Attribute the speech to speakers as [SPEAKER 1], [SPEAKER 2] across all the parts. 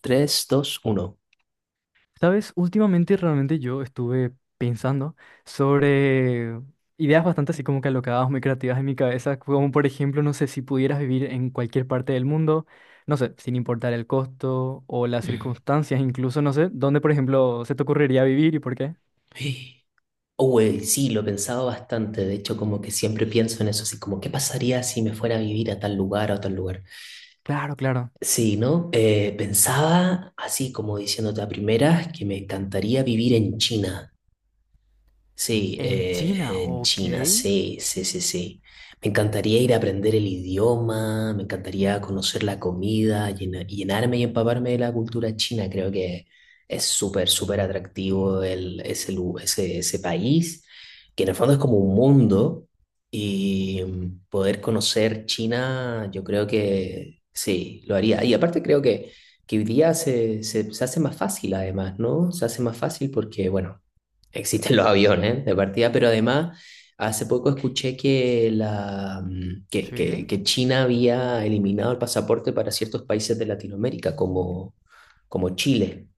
[SPEAKER 1] Tres, dos, uno.
[SPEAKER 2] Sabes, últimamente realmente yo estuve pensando sobre ideas bastante así como que alocadas, muy creativas en mi cabeza, como por ejemplo, no sé, si pudieras vivir en cualquier parte del mundo, no sé, sin importar el costo o las circunstancias, incluso, no sé, ¿dónde por ejemplo se te ocurriría vivir y por qué?
[SPEAKER 1] Uy, sí, lo he pensado bastante. De hecho, como que siempre pienso en eso, así como, ¿qué pasaría si me fuera a vivir a tal lugar o a tal lugar?
[SPEAKER 2] Claro, claro.
[SPEAKER 1] Sí, ¿no? Pensaba, así como diciéndote a primeras, que me encantaría vivir en China. Sí,
[SPEAKER 2] En China,
[SPEAKER 1] en
[SPEAKER 2] ok.
[SPEAKER 1] China, sí, sí, sí, sí. Me encantaría ir a aprender el idioma, me encantaría conocer la comida, llenarme y empaparme de la cultura china. Creo que es súper, súper atractivo el, ese, lu- ese país, que en el fondo es como un mundo y poder conocer China, yo creo que sí, lo haría. Y aparte creo que hoy día se hace más fácil además, ¿no? Se hace más fácil porque, bueno. Existen los aviones de partida, pero además hace poco escuché que, la, mm,
[SPEAKER 2] Sí.
[SPEAKER 1] que China había eliminado el pasaporte para ciertos países de Latinoamérica, como, como Chile.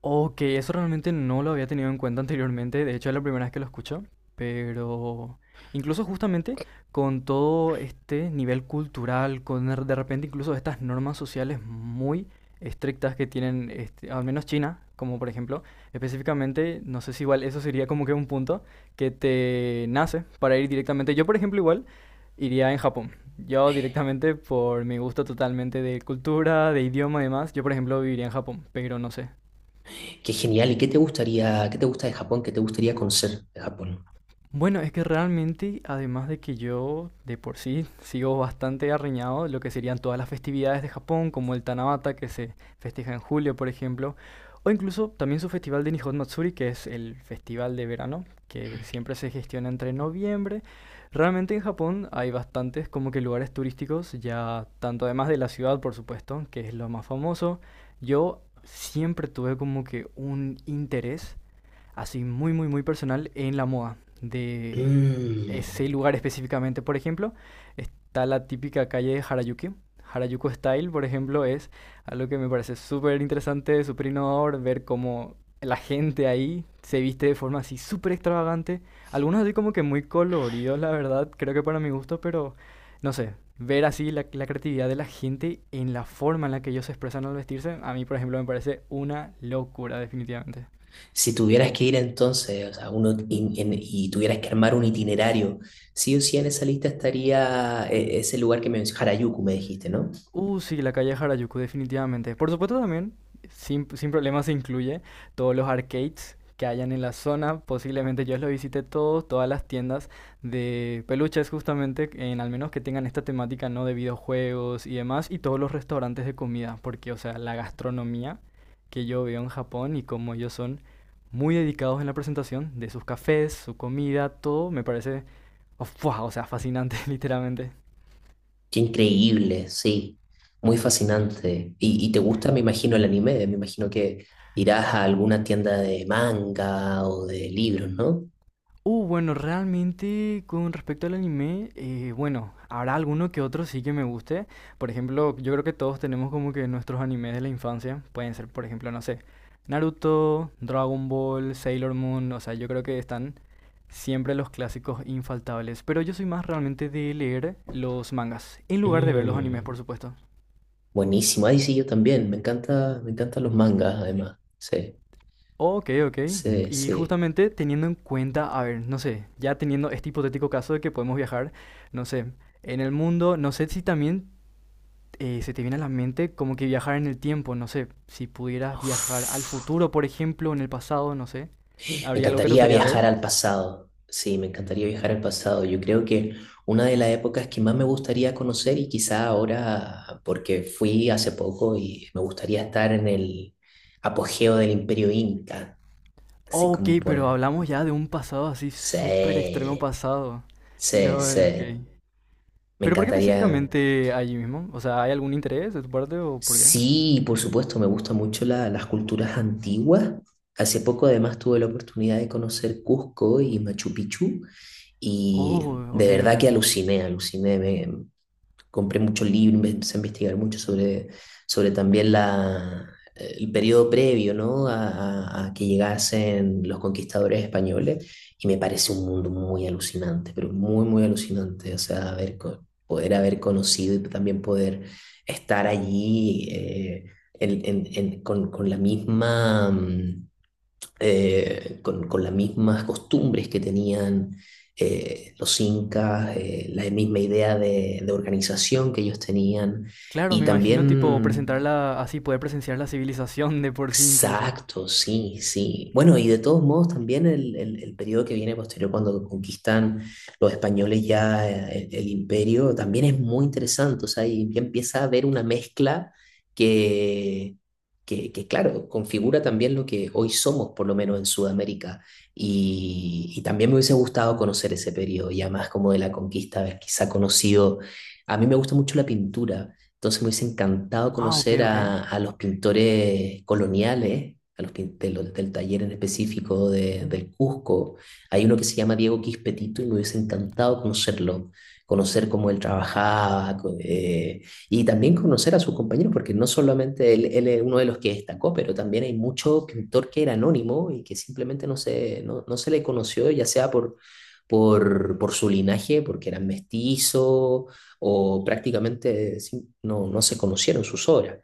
[SPEAKER 2] Ok, eso realmente no lo había tenido en cuenta anteriormente, de hecho es la primera vez que lo escucho, pero incluso justamente con todo este nivel cultural, con de repente incluso estas normas sociales muy estrictas que tienen, este, al menos China, como por ejemplo, específicamente, no sé si igual eso sería como que un punto que te nace para ir directamente. Yo por ejemplo igual iría en Japón. Yo directamente por mi gusto totalmente de cultura, de idioma y demás, yo por ejemplo viviría en Japón, pero no sé.
[SPEAKER 1] Qué genial. ¿Y qué te gustaría, qué te gusta de Japón? ¿Qué te gustaría conocer de Japón?
[SPEAKER 2] Bueno, es que realmente, además de que yo de por sí sigo bastante arreñado de lo que serían todas las festividades de Japón, como el Tanabata, que se festeja en julio, por ejemplo, o incluso también su festival de Nihon Matsuri, que es el festival de verano, que siempre se gestiona entre noviembre. Realmente en Japón hay bastantes como que lugares turísticos, ya tanto además de la ciudad, por supuesto, que es lo más famoso. Yo siempre tuve como que un interés así muy, muy, muy personal en la moda de
[SPEAKER 1] Mm.
[SPEAKER 2] ese lugar específicamente. Por ejemplo, está la típica calle de Harajuku. Harajuku Style, por ejemplo, es algo que me parece súper interesante, súper innovador, ver cómo la gente ahí se viste de forma así súper extravagante. Algunos así como que muy coloridos, la verdad, creo que para mi gusto, pero no sé, ver así la creatividad de la gente en la forma en la que ellos se expresan al vestirse, a mí, por ejemplo, me parece una locura, definitivamente.
[SPEAKER 1] Si tuvieras que ir entonces, o sea, y tuvieras que armar un itinerario, sí o sí en esa lista estaría ese lugar que me Harajuku, me dijiste, ¿no?
[SPEAKER 2] Sí, la calle Harajuku, definitivamente. Por supuesto también, sin problema se incluye todos los arcades que hayan en la zona. Posiblemente yo los visité todos, todas las tiendas de peluches justamente, en al menos que tengan esta temática, ¿no? De videojuegos y demás, y todos los restaurantes de comida, porque, o sea, la gastronomía que yo veo en Japón y como ellos son muy dedicados en la presentación de sus cafés, su comida, todo, me parece, oh, ¡fua!, o sea, fascinante, literalmente.
[SPEAKER 1] Qué increíble, sí, muy fascinante. Y te gusta, me imagino, el anime, me imagino que irás a alguna tienda de manga o de libros, ¿no?
[SPEAKER 2] Bueno, realmente con respecto al anime, bueno, habrá alguno que otro sí que me guste. Por ejemplo, yo creo que todos tenemos como que nuestros animes de la infancia. Pueden ser, por ejemplo, no sé, Naruto, Dragon Ball, Sailor Moon. O sea, yo creo que están siempre los clásicos infaltables. Pero yo soy más realmente de leer los mangas, en lugar de ver los animes,
[SPEAKER 1] Mm,
[SPEAKER 2] por supuesto.
[SPEAKER 1] buenísimo, ahí sí, yo también, me encanta, me encantan los mangas, además, sí,
[SPEAKER 2] Ok, ok.
[SPEAKER 1] sí,
[SPEAKER 2] Y
[SPEAKER 1] sí.
[SPEAKER 2] justamente teniendo en cuenta, a ver, no sé, ya teniendo este hipotético caso de que podemos viajar, no sé, en el mundo, no sé si también se te viene a la mente como que viajar en el tiempo, no sé, si pudieras viajar al
[SPEAKER 1] Uf.
[SPEAKER 2] futuro, por ejemplo, en el pasado, no sé,
[SPEAKER 1] Me
[SPEAKER 2] ¿habría algo que te
[SPEAKER 1] encantaría
[SPEAKER 2] gustaría
[SPEAKER 1] viajar
[SPEAKER 2] ver?
[SPEAKER 1] al pasado. Sí, me encantaría viajar al pasado. Yo creo que una de las épocas que más me gustaría conocer y quizá ahora, porque fui hace poco y me gustaría estar en el apogeo del Imperio Inca, así
[SPEAKER 2] Ok,
[SPEAKER 1] como
[SPEAKER 2] pero
[SPEAKER 1] por...
[SPEAKER 2] hablamos ya de un pasado así súper extremo
[SPEAKER 1] Sí,
[SPEAKER 2] pasado.
[SPEAKER 1] sí,
[SPEAKER 2] Lo, ok.
[SPEAKER 1] sí. Me
[SPEAKER 2] ¿Pero por qué
[SPEAKER 1] encantaría.
[SPEAKER 2] específicamente allí mismo? O sea, ¿hay algún interés de tu parte o por qué?
[SPEAKER 1] Sí, por supuesto, me gustan mucho las culturas antiguas. Hace poco además tuve la oportunidad de conocer Cusco y Machu Picchu y
[SPEAKER 2] Oh,
[SPEAKER 1] de
[SPEAKER 2] ok, ok,
[SPEAKER 1] verdad que
[SPEAKER 2] ok.
[SPEAKER 1] aluciné, aluciné, compré muchos libros, me empecé a investigar mucho sobre, sobre también el periodo previo, ¿no? A que llegasen los conquistadores españoles y me parece un mundo muy alucinante, pero muy, muy alucinante. O sea, poder haber conocido y también poder estar allí con la misma... con las mismas costumbres que tenían los incas, la misma idea de organización que ellos tenían
[SPEAKER 2] Claro,
[SPEAKER 1] y
[SPEAKER 2] me imagino tipo
[SPEAKER 1] también.
[SPEAKER 2] presentarla así, poder presenciar la civilización de por sí incluso.
[SPEAKER 1] Exacto, sí, sí. Bueno, y de todos modos también el periodo que viene posterior cuando conquistan los españoles ya el imperio también es muy interesante, o sea, y ya empieza a haber una mezcla que, que, claro, configura también lo que hoy somos, por lo menos en Sudamérica. Y también me hubiese gustado conocer ese periodo, ya más como de la conquista, haber quizá conocido, a mí me gusta mucho la pintura. Entonces me hubiese encantado
[SPEAKER 2] Ah, ok,
[SPEAKER 1] conocer
[SPEAKER 2] ok.
[SPEAKER 1] a los pintores coloniales, a los pin- de los- del taller en específico del Cusco. Hay uno que se llama Diego Quispetito y me hubiese encantado conocerlo, conocer cómo él trabajaba y también conocer a sus compañeros, porque no solamente él, él es uno de los que destacó, pero también hay mucho pintor que era anónimo y que simplemente no se le conoció, ya sea por su linaje, porque eran mestizos o prácticamente no se conocieron sus obras.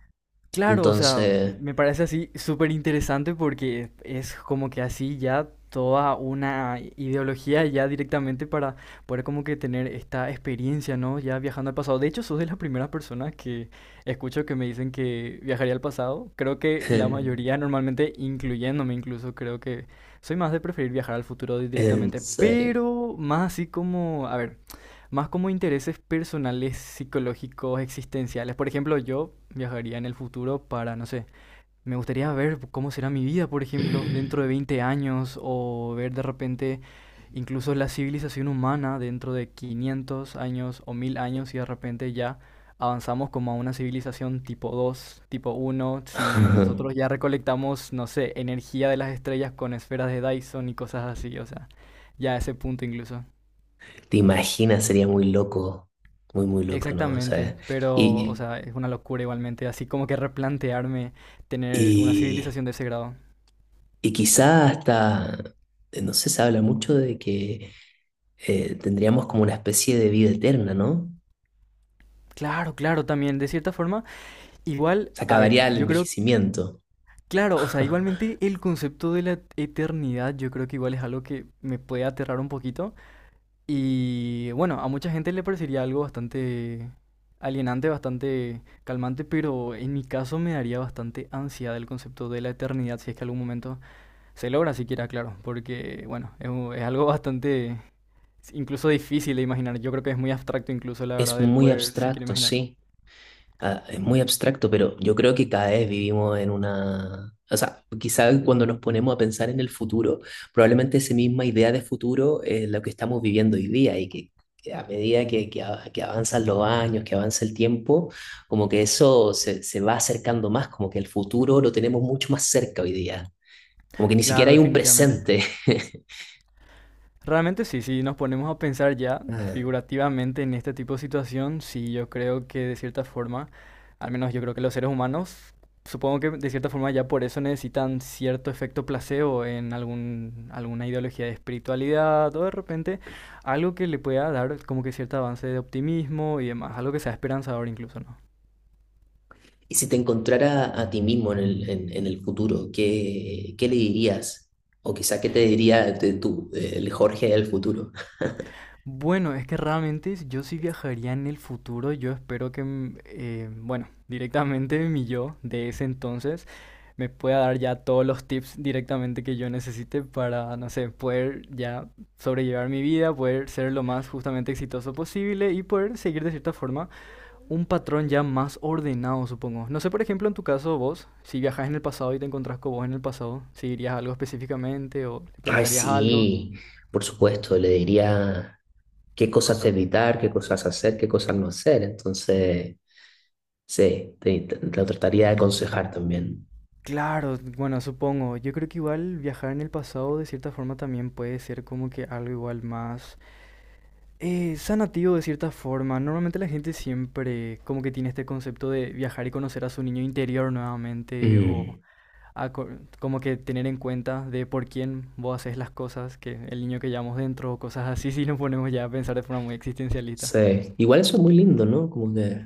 [SPEAKER 2] Claro, o sea,
[SPEAKER 1] Entonces,
[SPEAKER 2] me parece así súper interesante porque es como que así ya toda una ideología ya directamente para poder como que tener esta experiencia, ¿no? Ya viajando al pasado. De hecho, sos de las primeras personas que escucho que me dicen que viajaría al pasado. Creo que la mayoría, normalmente incluyéndome incluso, creo que soy más de preferir viajar al futuro
[SPEAKER 1] en
[SPEAKER 2] directamente,
[SPEAKER 1] serio.
[SPEAKER 2] pero más así como, a ver, más como intereses personales, psicológicos, existenciales. Por ejemplo, yo viajaría en el futuro para, no sé, me gustaría ver cómo será mi vida, por ejemplo, dentro de 20 años o ver de repente incluso la civilización humana dentro de 500 años o 1000 años y de repente ya avanzamos como a una civilización tipo 2, tipo uno si nosotros ya recolectamos, no sé, energía de las estrellas con esferas de Dyson y cosas así, o sea, ya a ese punto incluso.
[SPEAKER 1] ¿Te imaginas? Sería muy loco, muy, muy loco, ¿no? O
[SPEAKER 2] Exactamente,
[SPEAKER 1] sea,
[SPEAKER 2] pero, o
[SPEAKER 1] y,
[SPEAKER 2] sea, es una locura igualmente, así como que replantearme tener una
[SPEAKER 1] y,
[SPEAKER 2] civilización de ese grado.
[SPEAKER 1] y quizá hasta, no sé, se habla mucho de que tendríamos como una especie de vida eterna, ¿no?
[SPEAKER 2] Claro, claro, también, de cierta forma, igual,
[SPEAKER 1] Se
[SPEAKER 2] a ver,
[SPEAKER 1] acabaría el
[SPEAKER 2] yo creo,
[SPEAKER 1] envejecimiento.
[SPEAKER 2] claro, o sea, igualmente el concepto de la eternidad, yo creo que igual es algo que me puede aterrar un poquito. Y bueno, a mucha gente le parecería algo bastante alienante, bastante calmante, pero en mi caso me daría bastante ansiedad el concepto de la eternidad si es que algún momento se logra siquiera, claro, porque bueno, es, es algo bastante incluso difícil de imaginar. Yo creo que es muy abstracto incluso, la
[SPEAKER 1] Es
[SPEAKER 2] verdad, el
[SPEAKER 1] muy
[SPEAKER 2] poder siquiera
[SPEAKER 1] abstracto,
[SPEAKER 2] imaginar.
[SPEAKER 1] sí. Ah, es muy abstracto, pero yo creo que cada vez vivimos en una... O sea, quizá cuando nos ponemos a pensar en el futuro, probablemente esa misma idea de futuro es lo que estamos viviendo hoy día y que a medida que avanzan los años, que avanza el tiempo, como que se va acercando más, como que el futuro lo tenemos mucho más cerca hoy día, como que ni siquiera
[SPEAKER 2] Claro,
[SPEAKER 1] hay un
[SPEAKER 2] definitivamente.
[SPEAKER 1] presente.
[SPEAKER 2] Realmente sí, si nos ponemos a pensar ya figurativamente en este tipo de situación, sí, yo creo que de cierta forma, al menos yo creo que los seres humanos, supongo que de cierta forma ya por eso necesitan cierto efecto placebo en algún, alguna ideología de espiritualidad o de repente algo que le pueda dar como que cierto avance de optimismo y demás, algo que sea esperanzador incluso, ¿no?
[SPEAKER 1] Y si te encontrara a ti mismo en el futuro, ¿qué, qué le dirías? O quizá, ¿qué te diría de tú, el Jorge del futuro?
[SPEAKER 2] Bueno, es que realmente yo sí viajaría en el futuro. Yo espero que, bueno, directamente mi yo de ese entonces me pueda dar ya todos los tips directamente que yo necesite para, no sé, poder ya sobrellevar mi vida, poder ser lo más justamente exitoso posible y poder seguir de cierta forma un patrón ya más ordenado, supongo. No sé, por ejemplo, en tu caso, vos, si viajas en el pasado y te encontrás con vos en el pasado, ¿seguirías algo específicamente o le
[SPEAKER 1] Ay,
[SPEAKER 2] preguntarías algo?
[SPEAKER 1] sí, por supuesto, le diría qué cosas evitar, qué cosas hacer, qué cosas no hacer. Entonces, sí, lo trataría de aconsejar también.
[SPEAKER 2] Claro, bueno, supongo. Yo creo que igual viajar en el pasado de cierta forma también puede ser como que algo igual más sanativo de cierta forma. Normalmente la gente siempre como que tiene este concepto de viajar y conocer a su niño interior nuevamente o
[SPEAKER 1] Mm,
[SPEAKER 2] a co- como que tener en cuenta de por quién vos haces las cosas, que el niño que llevamos dentro o cosas así, si nos ponemos ya a pensar de forma muy existencialista.
[SPEAKER 1] sí, igual eso es muy lindo, ¿no? Como que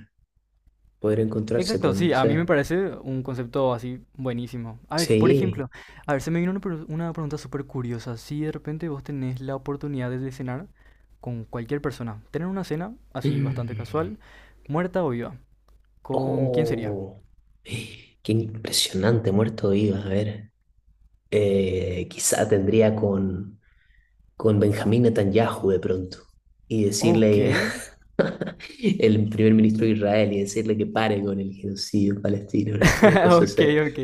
[SPEAKER 1] poder encontrarse
[SPEAKER 2] Exacto, sí,
[SPEAKER 1] con...
[SPEAKER 2] a
[SPEAKER 1] Sí,
[SPEAKER 2] mí me parece un concepto así buenísimo. A ver, por
[SPEAKER 1] sí.
[SPEAKER 2] ejemplo, a ver, se me vino una, una pregunta súper curiosa. Si de repente vos tenés la oportunidad de cenar con cualquier persona, tener una cena así bastante
[SPEAKER 1] Mm.
[SPEAKER 2] casual, muerta o viva, ¿con quién sería?
[SPEAKER 1] Oh, qué impresionante, muerto de vivo. A ver, quizá tendría con Benjamín Netanyahu de pronto y
[SPEAKER 2] Ok,
[SPEAKER 1] decirle, el primer ministro de Israel, y decirle que pare con el genocidio palestino, una cosa
[SPEAKER 2] ok,
[SPEAKER 1] así.
[SPEAKER 2] ok,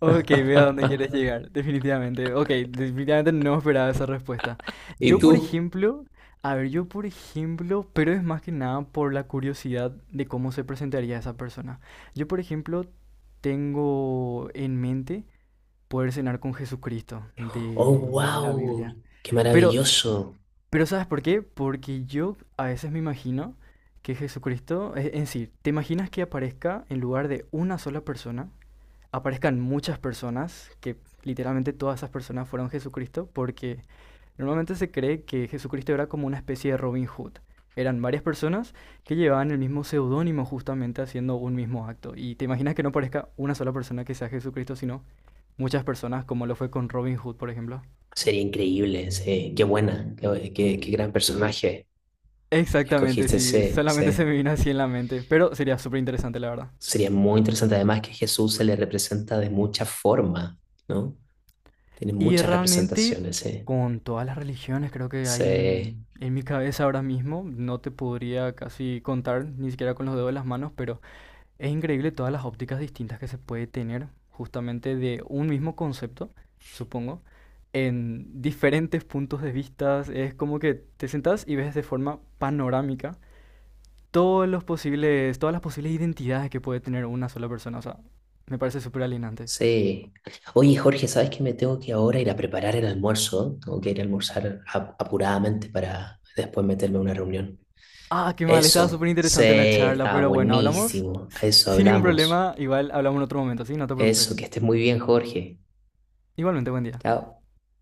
[SPEAKER 2] ok, veo a dónde quieres llegar, definitivamente. Ok, definitivamente no esperaba esa respuesta.
[SPEAKER 1] ¿Y
[SPEAKER 2] Yo, por
[SPEAKER 1] tú?
[SPEAKER 2] ejemplo, a ver, yo, por ejemplo, pero es más que nada por la curiosidad de cómo se presentaría esa persona. Yo, por ejemplo, tengo en mente poder cenar con Jesucristo
[SPEAKER 1] Oh,
[SPEAKER 2] de la
[SPEAKER 1] wow,
[SPEAKER 2] Biblia.
[SPEAKER 1] qué
[SPEAKER 2] Pero,
[SPEAKER 1] maravilloso.
[SPEAKER 2] pero ¿sabes por qué? Porque yo a veces me imagino que Jesucristo, en sí, ¿te imaginas que aparezca en lugar de una sola persona? Aparezcan muchas personas, que literalmente todas esas personas fueron Jesucristo, porque normalmente se cree que Jesucristo era como una especie de Robin Hood. Eran varias personas que llevaban el mismo seudónimo justamente haciendo un mismo acto. Y te imaginas que no parezca una sola persona que sea Jesucristo, sino muchas personas, como lo fue con Robin Hood, por ejemplo.
[SPEAKER 1] Sería increíble, sí. Qué buena, qué gran personaje
[SPEAKER 2] Exactamente,
[SPEAKER 1] escogiste,
[SPEAKER 2] sí,
[SPEAKER 1] sí,
[SPEAKER 2] solamente se me
[SPEAKER 1] sí.
[SPEAKER 2] vino así en la mente, pero sería súper interesante, la verdad.
[SPEAKER 1] Sería muy interesante además que Jesús se le representa de muchas formas, ¿no? Tiene
[SPEAKER 2] Y
[SPEAKER 1] muchas
[SPEAKER 2] realmente
[SPEAKER 1] representaciones, ¿eh?
[SPEAKER 2] con todas las religiones creo que hay
[SPEAKER 1] Sí,
[SPEAKER 2] en mi cabeza ahora mismo, no te podría casi contar, ni siquiera con los dedos de las manos, pero es increíble todas las ópticas distintas que se puede tener justamente de un mismo concepto, supongo, en diferentes puntos de vista. Es como que te sentás y ves de forma panorámica todos los posibles, todas las posibles identidades que puede tener una sola persona. O sea, me parece súper alienante.
[SPEAKER 1] sí. Oye, Jorge, ¿sabes que me tengo que ahora ir a preparar el almuerzo? Tengo que ir a almorzar apuradamente para después meterme a una reunión.
[SPEAKER 2] Ah, qué mal, estaba súper
[SPEAKER 1] Eso, sí,
[SPEAKER 2] interesante la charla,
[SPEAKER 1] está
[SPEAKER 2] pero bueno, hablamos
[SPEAKER 1] buenísimo. A eso
[SPEAKER 2] sin ningún problema.
[SPEAKER 1] hablamos.
[SPEAKER 2] Igual hablamos en otro momento, ¿sí? No te
[SPEAKER 1] Eso,
[SPEAKER 2] preocupes.
[SPEAKER 1] que estés muy bien, Jorge.
[SPEAKER 2] Igualmente, buen día.
[SPEAKER 1] Chao.